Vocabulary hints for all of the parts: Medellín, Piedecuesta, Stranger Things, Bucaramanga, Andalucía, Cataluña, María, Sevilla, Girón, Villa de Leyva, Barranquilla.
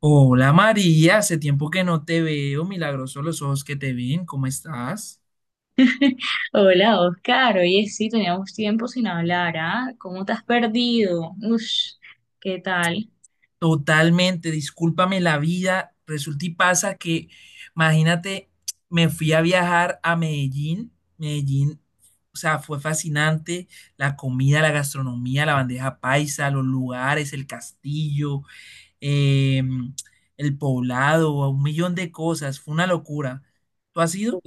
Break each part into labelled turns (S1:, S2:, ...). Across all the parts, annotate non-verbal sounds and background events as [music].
S1: Hola María, hace tiempo que no te veo, milagroso los ojos que te ven, ¿cómo estás?
S2: Hola Oscar, oye sí, teníamos tiempo sin hablar, ¿ah? ¿Cómo te has perdido? Ush, ¿qué tal?
S1: Totalmente, discúlpame la vida, resulta y pasa que, imagínate, me fui a viajar a Medellín, Medellín, o sea, fue fascinante, la comida, la gastronomía, la bandeja paisa, los lugares, el castillo, em, el poblado, un millón de cosas, fue una locura. ¿Tú has ido?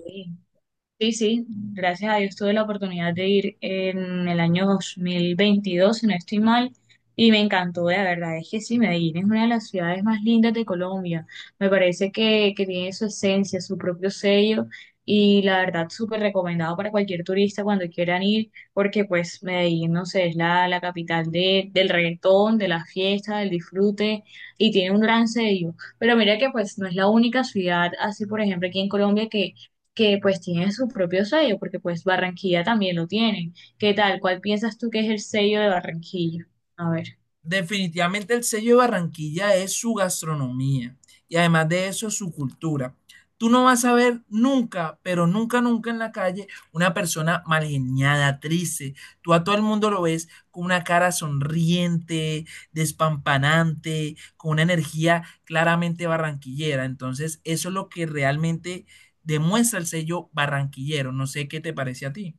S2: Sí, sí, gracias a Dios tuve la oportunidad de ir en el año 2022, si no estoy mal, y me encantó, la verdad es que sí. Medellín es una de las ciudades más lindas de Colombia. Me parece que tiene su esencia, su propio sello, y la verdad súper recomendado para cualquier turista cuando quieran ir, porque pues Medellín, no sé, es la capital de, del reggaetón, de la fiesta, del disfrute, y tiene un gran sello. Pero mira que pues no es la única ciudad, así por ejemplo aquí en Colombia que pues tiene su propio sello, porque pues Barranquilla también lo tienen. ¿Qué tal? ¿Cuál piensas tú que es el sello de Barranquilla? A ver.
S1: Definitivamente el sello de Barranquilla es su gastronomía y además de eso su cultura. Tú no vas a ver nunca, pero nunca, nunca en la calle una persona malgeniada, triste. Tú a todo el mundo lo ves con una cara sonriente, despampanante, con una energía claramente barranquillera. Entonces, eso es lo que realmente demuestra el sello barranquillero. No sé qué te parece a ti.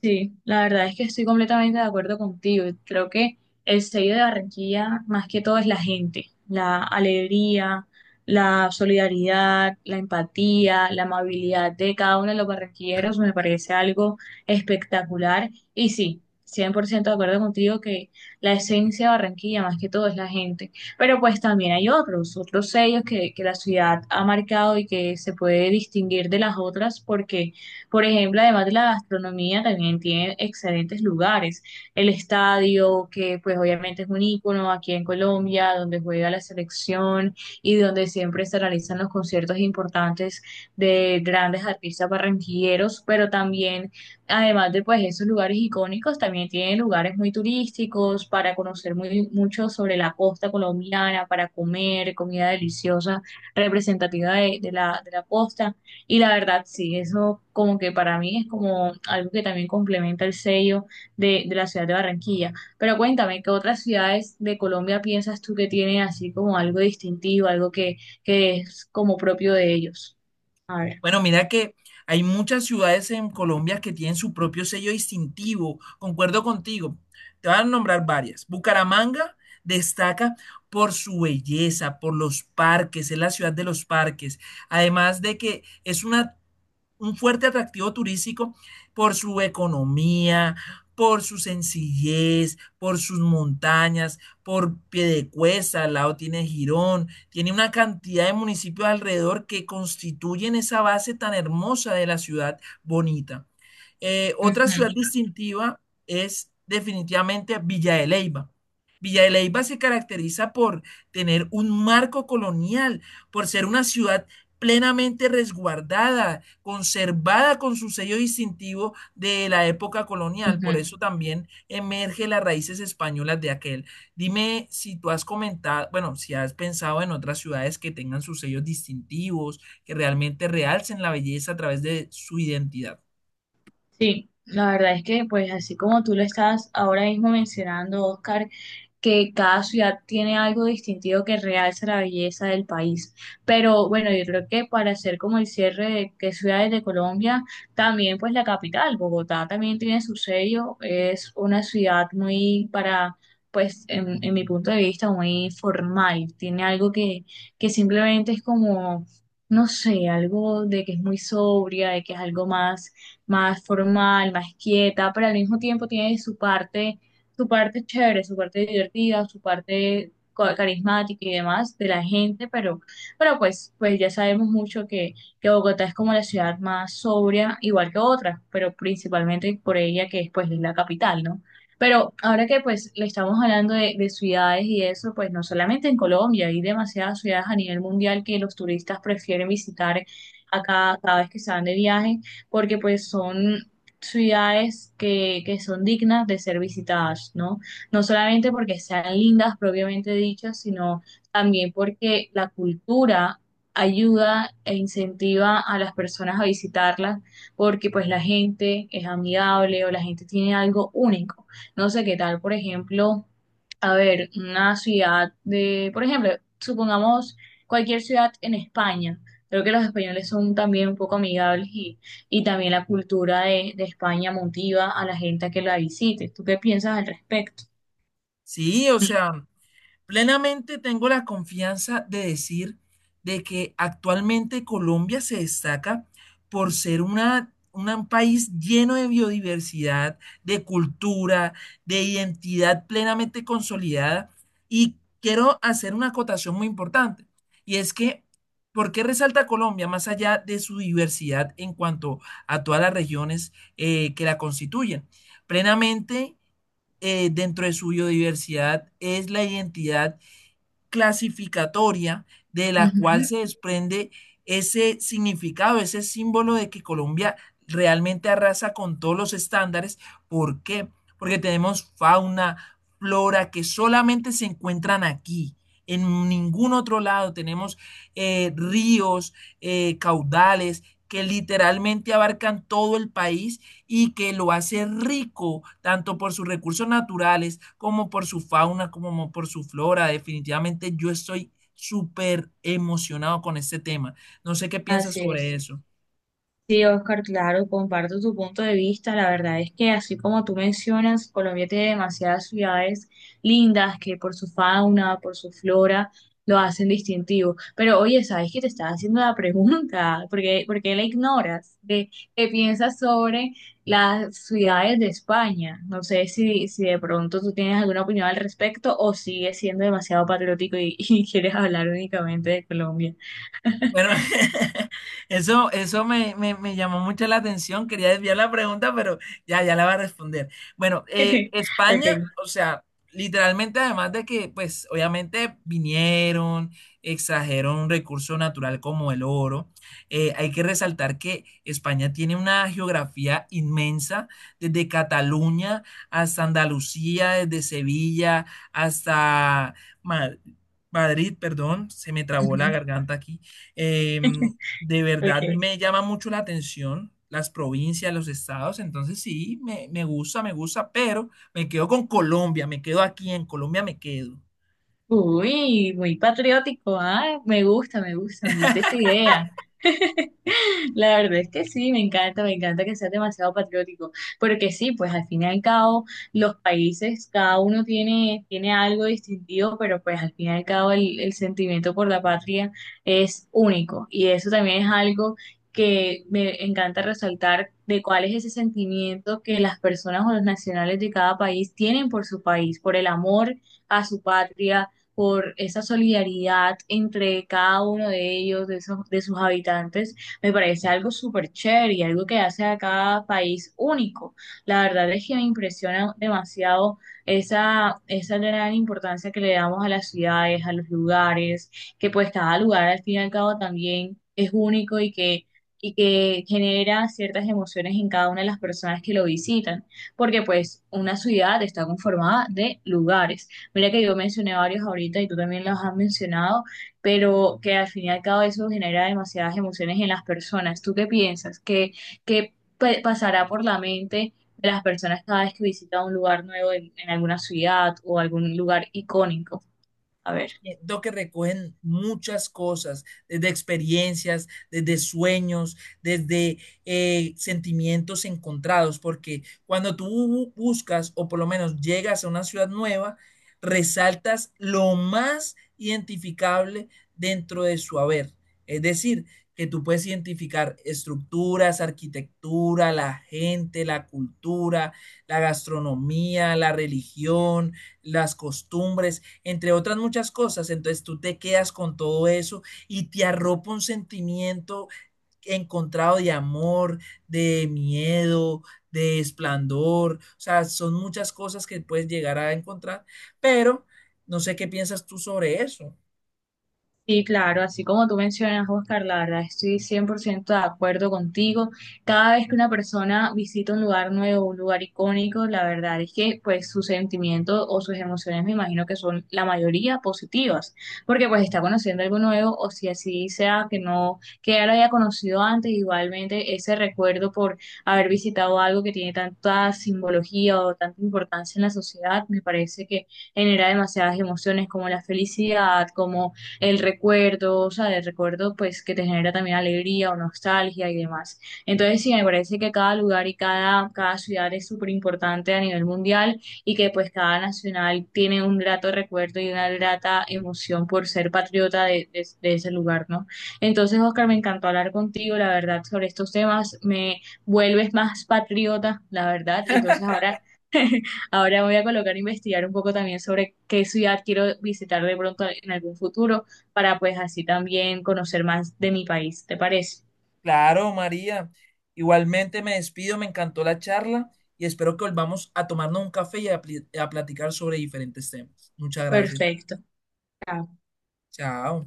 S2: Sí, la verdad es que estoy completamente de acuerdo contigo. Creo que el sello de Barranquilla, más que todo, es la gente, la alegría, la solidaridad, la empatía, la amabilidad de cada uno de los barranquilleros. Me parece algo espectacular. Y sí, 100% de acuerdo contigo que la esencia de Barranquilla, más que todo, es la gente. Pero pues también hay otros sellos que la ciudad ha marcado y que se puede distinguir de las otras porque, por ejemplo, además de la gastronomía, también tiene excelentes lugares. El estadio, que pues obviamente es un ícono aquí en Colombia, donde juega la selección y donde siempre se realizan los conciertos importantes de grandes artistas barranquilleros. Pero también, además de pues esos lugares icónicos, también tiene lugares muy turísticos para conocer mucho sobre la costa colombiana, para comer comida deliciosa representativa de la costa. Y la verdad, sí, eso como que para mí es como algo que también complementa el sello de la ciudad de Barranquilla. Pero cuéntame, ¿qué otras ciudades de Colombia piensas tú que tienen así como algo distintivo, algo que es como propio de ellos? A ver.
S1: Bueno, mira que hay muchas ciudades en Colombia que tienen su propio sello distintivo. Concuerdo contigo. Te van a nombrar varias. Bucaramanga destaca por su belleza, por los parques, es la ciudad de los parques. Además de que es una un fuerte atractivo turístico por su economía, por su sencillez, por sus montañas, por Piedecuesta, al lado tiene Girón, tiene una cantidad de municipios alrededor que constituyen esa base tan hermosa de la ciudad bonita. Otra
S2: Ujú,
S1: ciudad distintiva es definitivamente Villa de Leyva. Villa de Leyva se caracteriza por tener un marco colonial, por ser una ciudad plenamente resguardada conservada con sus sellos distintivos de la época colonial. Por eso
S2: ujú.
S1: también emerge las raíces españolas de aquel. Dime si tú has comentado, bueno, si has pensado en otras ciudades que tengan sus sellos distintivos, que realmente realcen la belleza a través de su identidad.
S2: Sí, la verdad es que, pues así como tú lo estás ahora mismo mencionando, Oscar, que cada ciudad tiene algo distintivo que realza la belleza del país. Pero bueno, yo creo que para hacer como el cierre de qué ciudades de Colombia, también pues la capital, Bogotá, también tiene su sello. Es una ciudad muy para, pues en mi punto de vista, muy formal. Tiene algo que simplemente es como... No sé, algo de que es muy sobria, de que es algo más formal, más quieta, pero al mismo tiempo tiene su parte chévere, su parte divertida, su parte carismática y demás de la gente, pero, pues ya sabemos mucho que Bogotá es como la ciudad más sobria, igual que otras, pero principalmente por ella que es pues la capital, ¿no? Pero ahora que pues le estamos hablando de ciudades y eso, pues no solamente en Colombia, hay demasiadas ciudades a nivel mundial que los turistas prefieren visitar acá cada vez que se van de viaje, porque pues son ciudades que son dignas de ser visitadas, ¿no? No solamente porque sean lindas propiamente dichas, sino también porque la cultura ayuda e incentiva a las personas a visitarlas, porque pues la gente es amigable o la gente tiene algo único. No sé qué tal, por ejemplo, a ver, una ciudad de, por ejemplo, supongamos cualquier ciudad en España. Creo que los españoles son también un poco amigables y también la cultura de España motiva a la gente a que la visite. ¿Tú qué piensas al respecto?
S1: Sí, o sea, plenamente tengo la confianza de decir de que actualmente Colombia se destaca por ser una- un país lleno de biodiversidad, de cultura, de identidad plenamente consolidada. Y quiero hacer una acotación muy importante, y es que, ¿por qué resalta Colombia más allá de su diversidad en cuanto a todas las regiones que la constituyen? Plenamente, dentro de su biodiversidad es la identidad clasificatoria de la cual
S2: Ujú.
S1: se desprende ese significado, ese símbolo de que Colombia realmente arrasa con todos los estándares. ¿Por qué? Porque tenemos fauna, flora que solamente se encuentran aquí. En ningún otro lado tenemos ríos, caudales que literalmente abarcan todo el país y que lo hace rico tanto por sus recursos naturales como por su fauna, como por su flora. Definitivamente yo estoy súper emocionado con este tema. No sé qué piensas
S2: Así
S1: sobre
S2: es.
S1: eso.
S2: Sí, Oscar, claro, comparto tu punto de vista. La verdad es que así como tú mencionas, Colombia tiene demasiadas ciudades lindas que por su fauna, por su flora, lo hacen distintivo. Pero oye, ¿sabes que te estaba haciendo la pregunta? [laughs] Por qué la ignoras? ¿Qué, qué piensas sobre las ciudades de España? No sé si de pronto tú tienes alguna opinión al respecto o sigues siendo demasiado patriótico y, [laughs] y quieres hablar únicamente de Colombia.
S1: Bueno, [laughs] eso, me llamó mucho la atención. Quería desviar la pregunta, pero ya la va a responder. Bueno,
S2: [laughs]
S1: España,
S2: Ok,
S1: o sea, literalmente, además de que, pues, obviamente vinieron, extrajeron un recurso natural como el oro, hay que resaltar que España tiene una geografía inmensa, desde Cataluña hasta Andalucía, desde Sevilla hasta Ma- Madrid, perdón, se me trabó la garganta aquí. eh, de verdad
S2: ok.
S1: me llama mucho la atención las provincias, los estados, entonces sí, me gusta, pero me quedo con Colombia, me quedo aquí, en Colombia me quedo.
S2: Uy, muy patriótico, ah, me gusta, me gusta, me gusta esta idea. La verdad es que sí, me encanta que sea demasiado patriótico, porque sí, pues al fin y al cabo los países, cada uno tiene, tiene algo distintivo, pero pues al fin y al cabo el sentimiento por la patria es único y eso también es algo que me encanta resaltar de cuál es ese sentimiento que las personas o los nacionales de cada país tienen por su país, por el amor a su patria. Por esa solidaridad entre cada uno de ellos, de, esos- de sus habitantes, me parece algo súper chévere y algo que hace a cada país único. La verdad es que me impresiona demasiado esa gran importancia que le damos a las ciudades, a los lugares, que pues cada lugar al fin y al cabo también es único y que genera ciertas emociones en cada una de las personas que lo visitan, porque pues una ciudad está conformada de lugares. Mira que yo mencioné varios ahorita y tú también los has mencionado, pero que al fin y al cabo eso genera demasiadas emociones en las personas. ¿Tú qué piensas? ¿Qué, qué pasará por la mente de las personas cada vez que visita un lugar nuevo en alguna ciudad o algún lugar icónico? A ver.
S1: Siento que recogen muchas cosas, desde experiencias, desde sueños, desde, sentimientos encontrados, porque cuando tú buscas o por lo menos llegas a una ciudad nueva, resaltas lo más identificable dentro de su haber. Es decir, que tú puedes identificar estructuras, arquitectura, la gente, la cultura, la gastronomía, la religión, las costumbres entre otras muchas cosas. Entonces tú te quedas con todo eso y te arropa un sentimiento encontrado de amor, de miedo, de esplendor. O sea, son muchas cosas que puedes llegar a encontrar, pero no sé qué piensas tú sobre eso.
S2: Sí, claro, así como tú mencionas, Oscar, la verdad estoy 100% de acuerdo contigo. Cada vez que una persona visita un lugar nuevo, un lugar icónico, la verdad es que pues sus sentimientos o sus emociones me imagino que son la mayoría positivas, porque pues está conociendo algo nuevo, o si así sea que no, que ya lo haya conocido antes, igualmente ese recuerdo por haber visitado algo que tiene tanta simbología o tanta importancia en la sociedad, me parece que genera demasiadas emociones como la felicidad, como el recuerdo, o sea, el recuerdo pues que te genera también alegría o nostalgia y demás. Entonces sí, me parece que cada lugar y cada ciudad es súper importante a nivel mundial y que pues cada nacional tiene un grato recuerdo y una grata emoción por ser patriota de ese lugar, ¿no? Entonces, Oscar, me encantó hablar contigo, la verdad, sobre estos temas. Me vuelves más patriota, la verdad. Ahora me voy a colocar a investigar un poco también sobre qué ciudad quiero visitar de pronto en algún futuro para pues así también conocer más de mi país. ¿Te parece?
S1: Claro, María. Igualmente me despido, me encantó la charla y espero que volvamos a tomarnos un café y a a platicar sobre diferentes temas. Muchas gracias.
S2: Perfecto. Chao.
S1: Chao.